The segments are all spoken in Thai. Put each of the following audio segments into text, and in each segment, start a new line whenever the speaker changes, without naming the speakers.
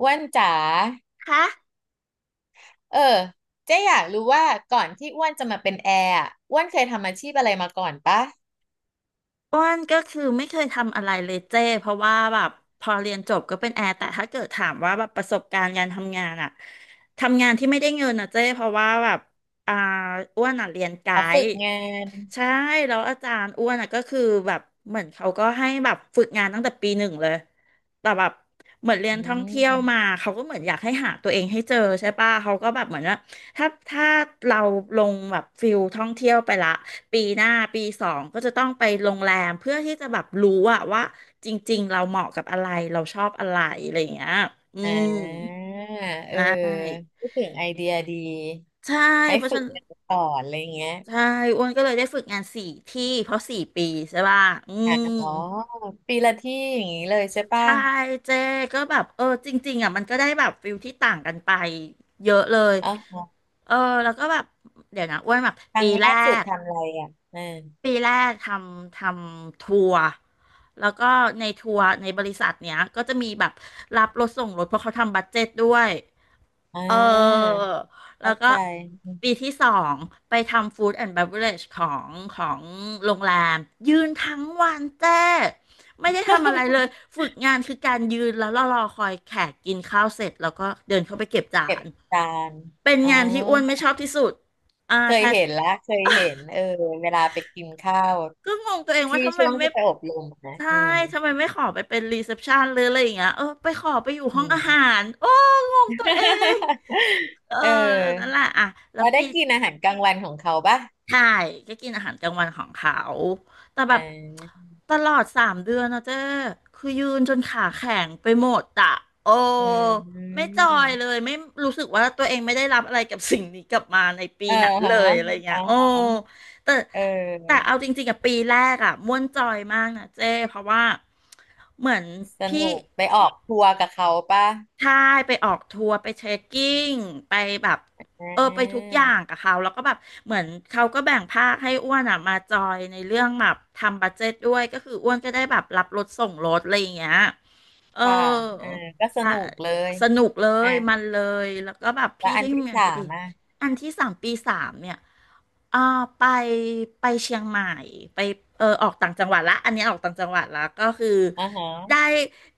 อ้วนจ๋า
คะ
เออเจ๊อยากรู้ว่าก่อนที่อ้วนจะมาเป็นแอร์อะอ้วนเคยทำอาชีพอะไรมาก่อนปะ
อ้วนก็คือไม่เคยทำอะไรเลยเจ้เพราะว่าแบบพอเรียนจบก็เป็นแอร์แต่ถ้าเกิดถามว่าแบบประสบการณ์การทำงานอะทำงานที่ไม่ได้เงินอะเจ้เพราะว่าแบบอ่าอ้วนอะเรียนไก
อ๋อฝึก
ด์
งาน
ใช่แล้วอาจารย์อ้วนอ่ะก็คือแบบเหมือนเขาก็ให้แบบฝึกงานตั้งแต่ปีหนึ่งเลยแต่แบบเหมือนเรีย
อื
นท่องเที่ยวมา
ม
เขาก็เหมือนอยากให้หาตัวเองให้เจอใช่ป่ะเขาก็แบบเหมือนว่าถ้าเราลงแบบฟิลท่องเที่ยวไปละปีหน้าปีสองก็จะต้องไปโรงแรมเพื่อที่จะแบบรู้อะว่าจริงๆเราเหมาะกับอะไรเราชอบอะไรอะไรอย่างเงี้ยอื
อ่
ม
าเออพูดถึงไอเดียดี
ใช่
ให้
เพราะฉะ
ฝึก
นัน
งานก่อนอะไรเงี้ย
ใช่อ้วนก็เลยได้ฝึกงานสี่ที่เพราะสี่ปีใช่ป่ะอื
อ่า
ม
อ๋อปีละที่อย่างนี้เลยใช่ปะ
ใช่เจก็แบบเออจริงๆอ่ะมันก็ได้แบบฟิลที่ต่างกันไปเยอะเลย
อ๋อ
เออแล้วก็แบบเดี๋ยวนะอ้วนแบบ
ครั้
ปี
งแร
แร
กสุด
ก
ทำอะไรอ่ะอืม
ปีแรกทำทัวร์แล้วก็ในทัวร์ในบริษัทเนี้ยก็จะมีแบบรับรถส่งรถเพราะเขาทำบัดเจ็ตด้วย
อ่
เออ
า
แล้
เข้า
วก็
ใจ
ปีที่สองไปทำฟู้ดแอนด์ v บ r a g เของของโรงแรมยืนทั้งวันเจ้ไม่ได้ทำอะไรเลย ฝึกงานคือการยืนแล้วรอคอยแขกกินข้าวเสร็จแล้วก็เดินเข้าไปเก็บจา
เก็บ
น
จาน
เป็น
อ๋อ
งานที่อ้วนไม่ชอบที่สุดอ่า
เค
แท
ย
น
เห็นละเคยเห็นเออเวลาไปกินข้าว
ก็งงตัวเองว่า
ที่
ทำไม
ช่วง
ไม่
ที่ไปอบรมนะ
ใช่
อืม
ทำไมไม่ขอไปเป็นรีเซพชันหรืออะไรอย่างเงี้ยเออไปขอไปอยู่
อื
ห้องอาหา
ม
รโอ้งงตัว เองเออ
เอ
นั่นแห
อ
ละอ่ะแล้ว
เราได้
ปี
กินอาหารกลางวันของเขาป่ะ
ใช่ก็กินอาหารกลางวันของเขาแต่แบ
อ่
บ
า
ตลอดสามเดือนนะเจ้คือยืนจนขาแข็งไปหมดอะโอ้
อื
ไม่
ม
จอยเลยไม่รู้สึกว่าตัวเองไม่ได้รับอะไรกับสิ่งนี้กลับมาในปี
เออ
นั้นเล
ฮะ
ยอะไรเงี้
อ่า
ยโอ้
ฮะ
แต่
เ
แต่
ออ
เอาจริงๆกับปีแรกอะม่วนจอยมากนะเจ้เพราะว่าเหมือน
ส
พี่
นุกไปออกทัวร์กับเขาป่ะ
ใช่ไปออกทัวร์ไปเทรคกิ้งไปแบบ
อ่
เออไปทุก
า
อย่างกับเขาแล้วก็แบบเหมือนเขาก็แบ่งภาคให้อ้วนอ่ะมาจอยในเรื่องแบบทำบัดเจ็ตด้วยก็คืออ้วนก็ได้แบบรับรถส่งรถอะไรอย่างเงี้ย เอ
ค่ะเออ
อ
ก็ส
สะ
นุกเลย
สนุกเล
อ่ะ
ยมันเลยแล้วก็แบบ
แล้ว
พี่
อัน
ที่
ที่
ทำงาน
สา
ก็
ม
ดี
อ่ะ
อันที่สามปีสามเนี่ยอ่าไปไปเชียงใหม่ไปเออออกต่างจังหวัดละอันนี้ออกต่างจังหวัดละก็คือ
อ่าฮะ
ได้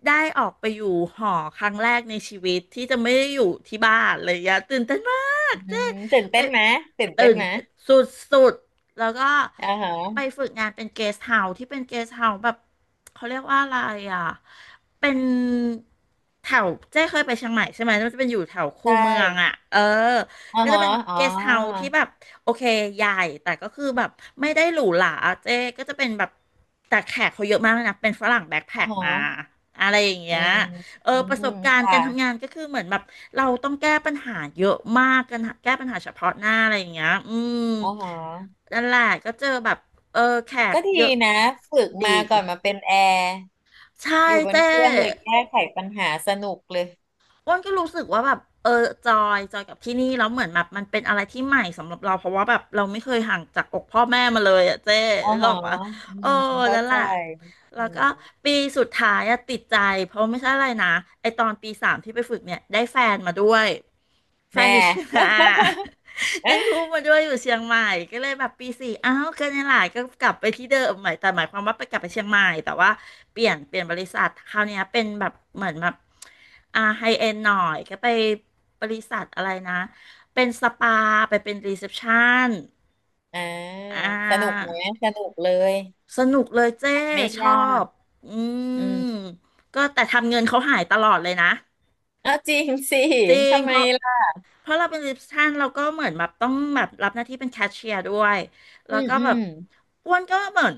ได้ออกไปอยู่หอครั้งแรกในชีวิตที่จะไม่ได้อยู่ที่บ้านเลยอยะตื่นเต้นมาก
อื
เจ๊
มตื่น
ไป
เต้นไหมตื่นเต้น
ตื่น
ไหม
สุดสุดแล้วก็
อ่าฮะ
ไปฝึกงานเป็นเกสต์เฮาส์ที่เป็นเกสต์เฮาส์แบบเขาเรียกว่าอะไรอ่ะเป็นแถวเจ๊เคยไปเชียงใหม่ใช่ไหมมันจะเป็นอยู่แถว
ใช
คูเมืองอ่ะ
่
เออ
อ๋อ
ก็จะ
ฮะ
เป็น
อ๋อ
เกสต์เฮาส์ที่แบบโอเคใหญ่แต่ก็คือแบบไม่ได้หรูหราเจ๊ก็จะเป็นแบบแต่แขกเขาเยอะมากเลยนะเป็นฝรั่งแบ็ค
อ๋
แพ็
อ
คมา
ฮะ
อะไรอย่าง
อื
เงี้ย
ม
เออ
อื
ประสบ
ม
การณ์
ค่ะ
การทำงานก็คือเหมือนแบบเราต้องแก้ปัญหาเยอะมากกันแก้ปัญหาเฉพาะหน้าอะไรอย่างเงี้ยอืม
อ๋อฮะ
นั่นแหละก็เจอแบบเออแขก
ก็ดี
เยอะ
นะฝึก
ดี
มาก่อนมาเป็นแอร์
ใช่
อยู่บน
เจ้
เครื่องเลยแก้ไขปัญหาสนุกเลย
อ้วนก็รู้สึกว่าแบบเออจอยกับที่นี่แล้วเหมือนแบบมันเป็นอะไรที่ใหม่สำหรับเราเพราะว่าแบบเราไม่เคยห่างจากอกพ่อแม่มาเลยอ่ะเจ๊
อ๋อ
นึกอ
ฮะ
อกว่า
อื
โอ้
มเข้า
นั่นแห
ใจ
ละแล้
อื
วก็
ม
ปีสุดท้ายอะติดใจเพราะไม่ใช่อะไรนะไอตอนปีสามที่ไปฝึกเนี่ยได้แฟนมาด้วยแฟ
แม่
นอยู่ เชียงรา ย ได้พูดมาด้วยอยู่เชียงใหม่ก็เลยแบบปีสี่อ้าวก็เนี่ยแหละก็กลับไปที่เดิมใหม่แต่หมายความว่าไปกลับไปเชียงใหม่แต่ว่าเปลี่ยนบริษัทคราวเนี้ยเป็นแบบเหมือนแบบอ่าไฮเอ็นหน่อยก็ไปบริษัทอะไรนะเป็นสปาไปเป็นรีเซพชัน
อ่า
อ่
สนุก
า
ไหมสนุกเลย
สนุกเลยเจ้
ไม่
ชอ
ยาก
บอื
อืม
มก็แต่ทำเงินเขาหายตลอดเลยนะ
เอ้าจริงสิ
จริง
ทำไม
เพราะ
ล่ะ
เพราะเราเป็นรีเซพชันเราก็เหมือนแบบต้องแบบรับหน้าที่เป็นแคชเชียร์ด้วยแล้
อื
ว
ม
ก็
อื
แบบ
ม
อ้วนก็เหมือน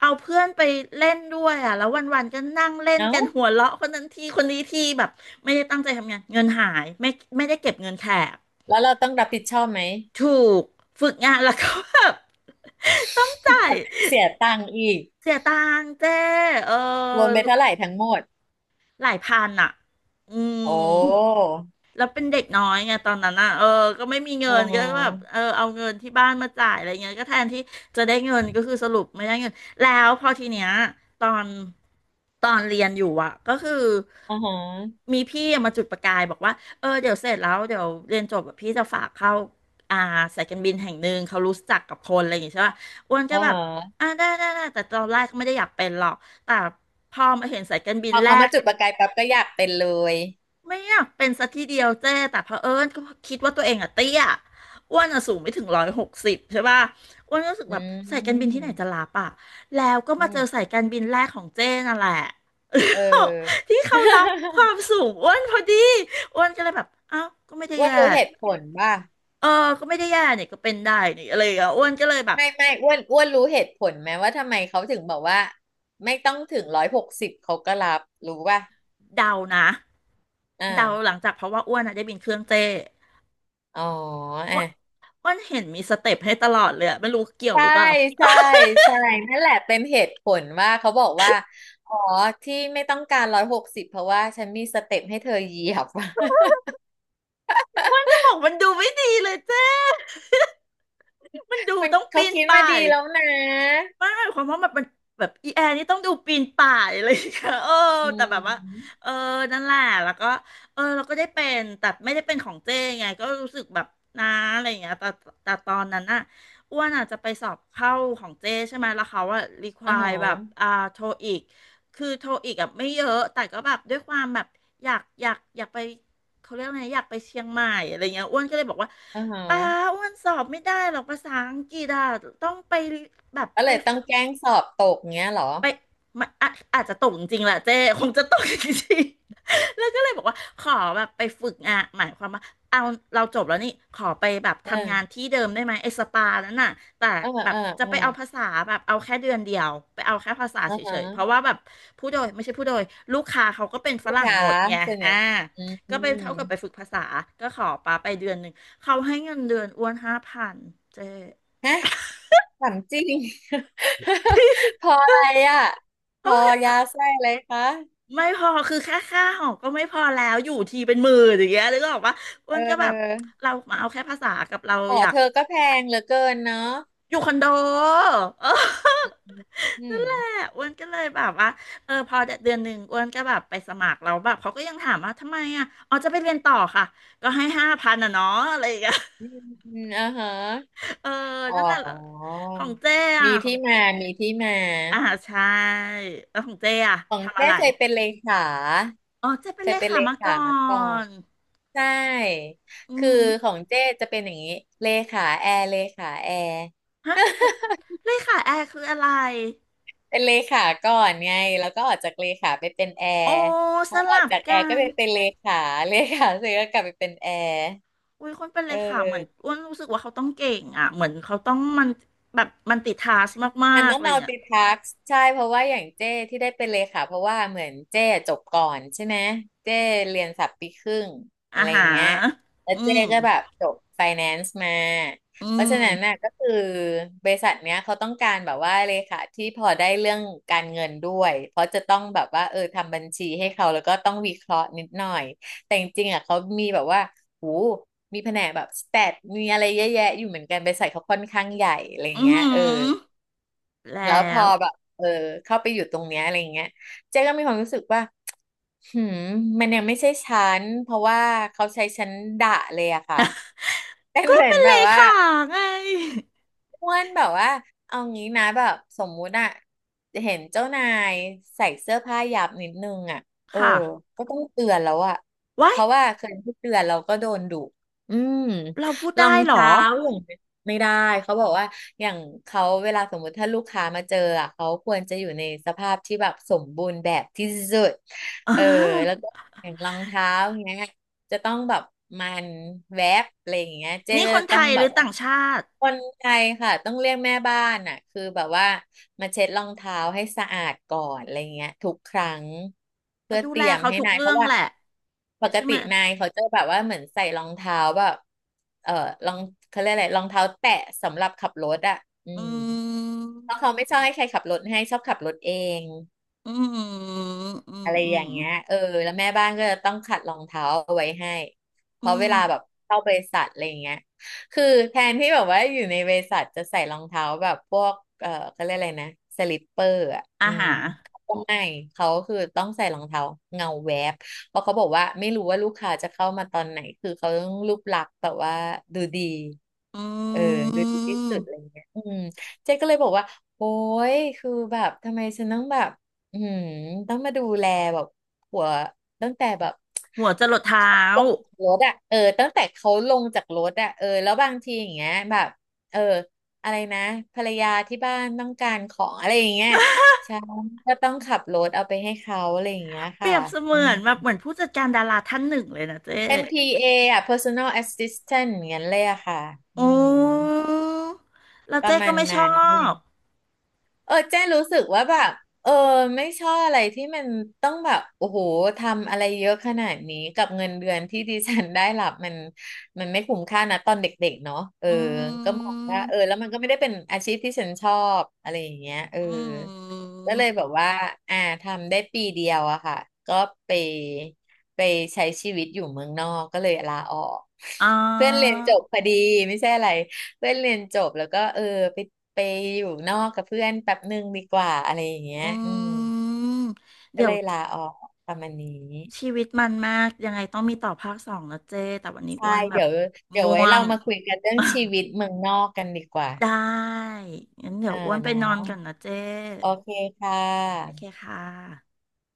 เอาเพื่อนไปเล่นด้วยอ่ะแล้ววันๆก็นั่งเล่น
เอ้า
กันหัวเราะคนนั้นทีคนนี้ทีแบบไม่ได้ตั้งใจทำงานเงินหายไม่ได้เก็บเงินแขก
แล้วเราต้องรับผิดชอบไหม
ถูกฝึกงานแล้วก็แบบ ต้องจ่าย
เสียตังค์อีก
เสียตังค์เจ้เอ
รวมไป
อ
เท่าไหร่ทั้งหมด
หลายพันอ่ะ อื
โอ้
มแล้วเป็นเด็กน้อยไงตอนนั้นอ่ะเออก็ไม่มีเงิ
อ๋
นก็แบบ
อ
เออเอาเงินที่บ้านมาจ่ายอะไรเงี้ยก็แทนที่จะได้เงินก็คือสรุปไม่ได้เงินแล้วพอทีเนี้ยตอนตอนเรียนอยู่อ่ะก็คือ
อ๋อฮะ
มีพี่มาจุดประกายบอกว่าเออเดี๋ยวเสร็จแล้วเดี๋ยวเรียนจบแบบพี่จะฝากเข้าอ่าสายการบินแห่งหนึ่งเขารู้จักกับคนอะไรอย่างงี้ใช่ป่ะอ้วน
อ๋
ก็
อ
แบบ
ฮะ
อ่าได้ได้ได้แต่ตอนแรกก็ไม่ได้อยากเป็นหรอกแต่พอมาเห็นสายการบิ
พ
น
อ
แร
เขามา
ก
จุดประกายปั๊บก็อยากเป็นเลย
ไม่อยากเป็นสักทีเดียวเจ้แต่เผอิญก็คิดว่าตัวเองอะเตี้ยอ้วนอะสูงไม่ถึง160ใช่ป่ะอ้วนก็รู้สึก
อื
แบบสายการบินที่
ม
ไหนจะรับอะแล้วก็
อื
มาเจอ
ม
สายการบินแรกของเจ้นั่นแหละ
เอ
ที่
อ
เขารับความ สูงอ้วนพอดีอ้วนก็เลยแบบอ้าวก็ไม่ได้
อ้วน
แย่
รู้เหตุผลว่า
เออก็ไม่ได้แย่เนี่ยก็เป็นได้นี่อะไรอย่างเงี้ยอ้วนก็เลยแบบ
ไม่อ้วนรู้เหตุผลไหมว่าทำไมเขาถึงบอกว่าไม่ต้องถึงร้อยหกสิบเขาก็รับรู้ป่ะ
เดานะ
อ่
เดาหลั
า
งจากเพราะว่าอ้วนอะได้บินเครื่องเจ้
อ๋อ
อ้
อ่ะ
วนอ้วนเห็นมีสเต็ปให้ตลอดเลยอะไม่รู้เกี่ยว
ใช่
หรือเปล่า
ใช่ใช่นั่นแหละเป็นเหตุผลว่าเขาบอกว่าอ๋อที่ไม่ต้องการร้อยหกสิบเพราะว่าฉันมีสเต็ปให้เธอเหยียบ
มันจะบอกมันดูไม่ดีเลยเจ้ มันดู
มัน
ต้อง
เขา
ปีน
คิดมา
ป่าย
ดีแล้วนะ
มันหมายความว่ามันเป็นแบบอีแอร์นี่ต้องดูปีนป่ายเลยค่ะเออ
อื
แต่แบบว่า
ม
เออนั่นแหละแล้วก็เออเราก็ได้เป็นแต่ไม่ได้เป็นของเจ้ไงก็รู้สึกแบบนะอะไรอย่างเงี้ยแต่ตอนนั้นน่ะอ้วนอาจจะไปสอบเข้าของเจ้ใช่ไหมแล้วเขาอะรีค
อ่า
วา
ฮ
ยแบบ
ะ
อ่าโทอีกคือโทอีกอะไม่เยอะแต่ก็แบบด้วยความแบบอยากอยากอยากไป เขาเรียกไงอยากไปเชียงใหม่อะไรเงี้ยอ้วนก็เลยบอกว่า
อ่าฮ
ป้า
ะ
อ้วนสอบไม่ได้หรอกภาษาอังกฤษอะต้องไปแบบ
ก็
ไป
เลยต้อ
ฝึ
ง
ก
แกล้งสอบตกเงี้ยเหรอ
ไปไม่อะอาจจะตกจริงๆแหละเจ้คงจะตกจริงๆ แล้วก็เลยบอกว่าขอแบบไปฝึกงานหมายความว่าเอาเราจบแล้วนี่ขอไปแบบ
เอ
ทำงาน
อ
ที่เดิมได้ไหมไอ้สปานั้นน่ะแต่
เออ
แบ
เอ
บ
อ
จะ
เออ
ไปเอาภาษาแบบเอาแค่เดือนเดียวไปเอาแค่ภาษา
อ่า
เฉ
ฮ
ยๆ
ะ
เพราะว่าแบบผู้โดยไม่ใช่ผู้โดยลูกค้าเขาก็เป็นฝ
ลูก
รั่ง
ค้า
หมดไง
ส่วนให
อ่า
ญ่อื
ก็ไปเท่ากับไป
ม
ฝึกภาษาก็ขอปาไปเดือนหนึ่งเขาให้เงินเดือนอ้วนห้าพันเจ
ฮะถามจริง พออะไรอ่ะพอยา
้
ไส้อะไรคะ
ไม่พอคือแค่ค่าหอก็ไม่พอแล้วอยู่ทีเป็นหมื่นอย่างเงี้ยแล้อก็บอกว่าอ้
เ
วนก็แบบ
ออ
เรามาเอาแค่ภาษากับเรา
อ๋อ
อยาก
เธอก็แพงเหลือเกินเนาะ
อยู่คอนโดเออ
อื
นั่
ม
นแหละอ้วนก็เลยแบบว่าเออพอเดือนหนึ่งอ้วนก็แบบไปสมัครแล้วแบบเขาก็ยังถามว่าทำไมอ่ะอ๋อจะไปเรียนต่อค่ะก็ให้ห้าพันอ่ะเนาะอะไรอย่างเงี้ย
อืมอืมอ่าฮะ
เออ
อ๋อ
นั่นแหละของเจ๊อ่ะ
มี
ของ
ที่
เจ๊
มา มีที่มา
อ่าใช่แล้วของเจ๊อ่ะ
ของ
ทำอะ
แท้
ไร
เคยเป็นเลขา
อ๋อเจ๊เป็
เค
นเล
ยเป็น
ขา
เล
มา
ขา
ก่อ
มาก่อน
น
ใช่
อื
คือ
ม
ของเจ้จะเป็นอย่างนี้เลขาแอร์เลขาแอร์
ฮะเลเลขาแอร์คืออะไร
เป็นเลขาก่อนไงแล้วก็ออกจากเลขาไปเป็นแอ
โอ้
ร์พ
ส
อออก
ลับ
จากแอ
กั
ร์ก็
น
ไปเป็นเลขาเลขาเสร็จก็กลับไปเป็นแอร์
อุ้ยคนเป็นเล
เอ
ขาเหมือน
อ
อ้วนรู้สึกว่าเขาต้องเก่งอ่ะเหมือนเขาต้องมันแบบมันติดทาสมา
มัน
กๆ
ต้อ
อะ
ง
ไรอย่างเงี้ย
multitask ใช่เพราะว่าอย่างเจ้ที่ได้เป็นเลขาเพราะว่าเหมือนเจ้จบก่อนใช่ไหมเจ้เรียนสับปีครึ่งอะ
อา
ไรอ
หา
ย่างเงี้ย
ร
แล้ว
อื
เจ้
ม
ก็แบบจบ finance มา
อื
เพราะ
ม
ฉะนั้นน่ะก็คือบริษัทเนี้ยเขาต้องการแบบว่าเลขาที่พอได้เรื่องการเงินด้วยเพราะจะต้องแบบว่าเออทำบัญชีให้เขาแล้วก็ต้องวิเคราะห์นิดหน่อยแต่จริงๆอ่ะเขามีแบบว่าหูมีแผนกแบบสแตทมีอะไรเยอะแยะอยู่เหมือนกันบริษัทเขาค่อนข้างใหญ่อะไรอย่า
อื
งเงี้ยเออ
มแล้
แล้วพอ
ว
แบบเออเข้าไปอยู่ตรงเนี้ยอะไรอย่างเงี้ยเจ๊ก็มีความรู้สึกว่า หืมมันยังไม่ใช่ฉันเพราะว่าเขาใช้ฉันด่าเลยอะค่ะ เป็น
ก็
เหมือ
เป็
น
น
แบ
เล
บว่า
ขาไง
อ้วนแบบว่าเอางี้นะแบบสมมุติอะเห็นเจ้านายใส่เสื้อผ้าหยาบนิดนึงอะเออ
ค่ะ
ก็ต้องเตือนแล้วอะ
ไว้า
เพ
ย
ราะว่าเคยที่เตือนเราก็โดนดุอืม
เราพูด
รอ
ได้
ง
เหรอ
เท้าอย่างเงี้ยไม่ได้เขาบอกว่าอย่างเขาเวลาสมมุติถ้าลูกค้ามาเจออะเขาควรจะอยู่ในสภาพที่แบบสมบูรณ์แบบที่สุด
อ่า
เออแล้วก็ อย่างรองเท้าอย่างเงี้ย จะต้องแบบมันแวบอะไรอย่างเงี้ยเจ๊
นี่
ก็
คน
จะ
ไท
ต้อง
ยห
แบ
รื
บ
อ
ว่า
ต่างชาติ
คนไทยค่ะต้องเรียกแม่บ้านอ่ะคือแบบว่ามาเช็ดรองเท้าให้สะอาดก่อนอะไรเงี้ยทุกครั้งเพื่อ
ดู
เต
แล
รียม
เขา
ให้
ทุก
นายเพ
เรื่อ
ราะ
ง
ว่า
แหละ
ปก
ใช่
ติ
ไหม
นายเขาจะแบบว่าเหมือนใส่รองเท้าแบบเออรองเขาเรียกอะไรรองเท้าแตะสำหรับขับรถอ่ะอืม
อื
เพราะเขาไม่
ม
ชอบให้ใครขับรถให้ชอบขับรถเอง
อืมอืม
อะไร
อื
อ
ม
ย่างเงี้ยเออแล้วแม่บ้านก็จะต้องขัดรองเท้าเอาไว้ให้เพ
อื
ราะเว
ม
ลาแบบเข้าบริษัทอะไรอย่างเงี้ยคือแทนที่แบบว่าอยู่ในบริษัทจะใส่รองเท้าแบบพวกเออเขาเรียกอะไรนะสลิปเปอร์อ่ะ
อา
อืม
หาร
เขาก็ไม่เขาคือต้องใส่รองเท้าเงาแวบเพราะเขาบอกว่าไม่รู้ว่าลูกค้าจะเข้ามาตอนไหนคือเขาต้องรูปลักษณ์แบบว่าดูดี
อื
เออดูดีที่สุดอะไร
ม
เงี้ยอืมเจ๊ก็เลยบอกว่าโอ้ยคือแบบทำไมฉันต้องแบบ อืมต้องมาดูแลแบบหัวตั้งแต่แบบ
หัวจรดเท้า
ลงจากรถอ่ะเออตั้งแต่เขาลงจากรถอ่ะเออแล้วบางทีอย่างเงี้ยแบบเอออะไรนะภรรยาที่บ้านต้องการของอะไรอย่างเงี้ยใช่ก็ต้องขับรถเอาไปให้เขาอะไรอย่างเงี้ย
เปรี
ค่ะ
ยบเส
อื
มือ
ม
นแบบเหมือนผู้จัดการดาราท่านหนึ่งเลยนะเจ๊
NPA อนพีเออ่ะ Personal Assistant อย่างเงี้ยเลยอะค่ะอื
โอ้
ม
แล้ว
ประ
เจ๊
มา
ก็
ณ
ไม่ช
นั้
อ
น
บ
เออเจ้รู้สึกว่าแบบเออไม่ชอบอะไรที่มันต้องแบบโอ้โหทำอะไรเยอะขนาดนี้กับเงินเดือนที่ดิฉันได้รับมันไม่คุ้มค่านะตอนเด็กๆเนาะเออ
อื
ก็มอง
ม
ว่าเออแล้วมันก็ไม่ได้เป็นอาชีพที่ฉันชอบอะไรอย่างเงี้ยเออ
อืม
ก็เลยแบบว่าอ่าทำได้ปีเดียวอะค่ะก็ไปไปใช้ชีวิตอยู่เมืองนอกก็เลยลาออก
อ่
เพื่อนเรีย
า
นจบพอดีไม่ใช่อะไร เพื่อนเรียนจบแล้วก็เออไปไปอยู่นอกกับเพื่อนแป๊บหนึ่งดีกว่าอะไรอย่างเงี้ย
อื
อืม
ม
ก็
เดี๋ย
เล
ว
ยลาออกประมาณนี้
ชีวิตมันมากยังไงต้องมีต่อภาคสองนะเจ๊แต่วันนี้
ใช่
อ้วนแบบ
เดี๋ยวเดี๋ยว
ง่
ไว้
ว
เรา
ง
มาคุยกันเรื่องชีวิตเมืองนอกกันดีกว่า
ได้งั้นเดี๋
เอ
ย
อ
วอ้วนไป
เนา
นอนก่อน
ะ
นะเจ๊
โอเคค่
โอเค
ะ
ค่ะ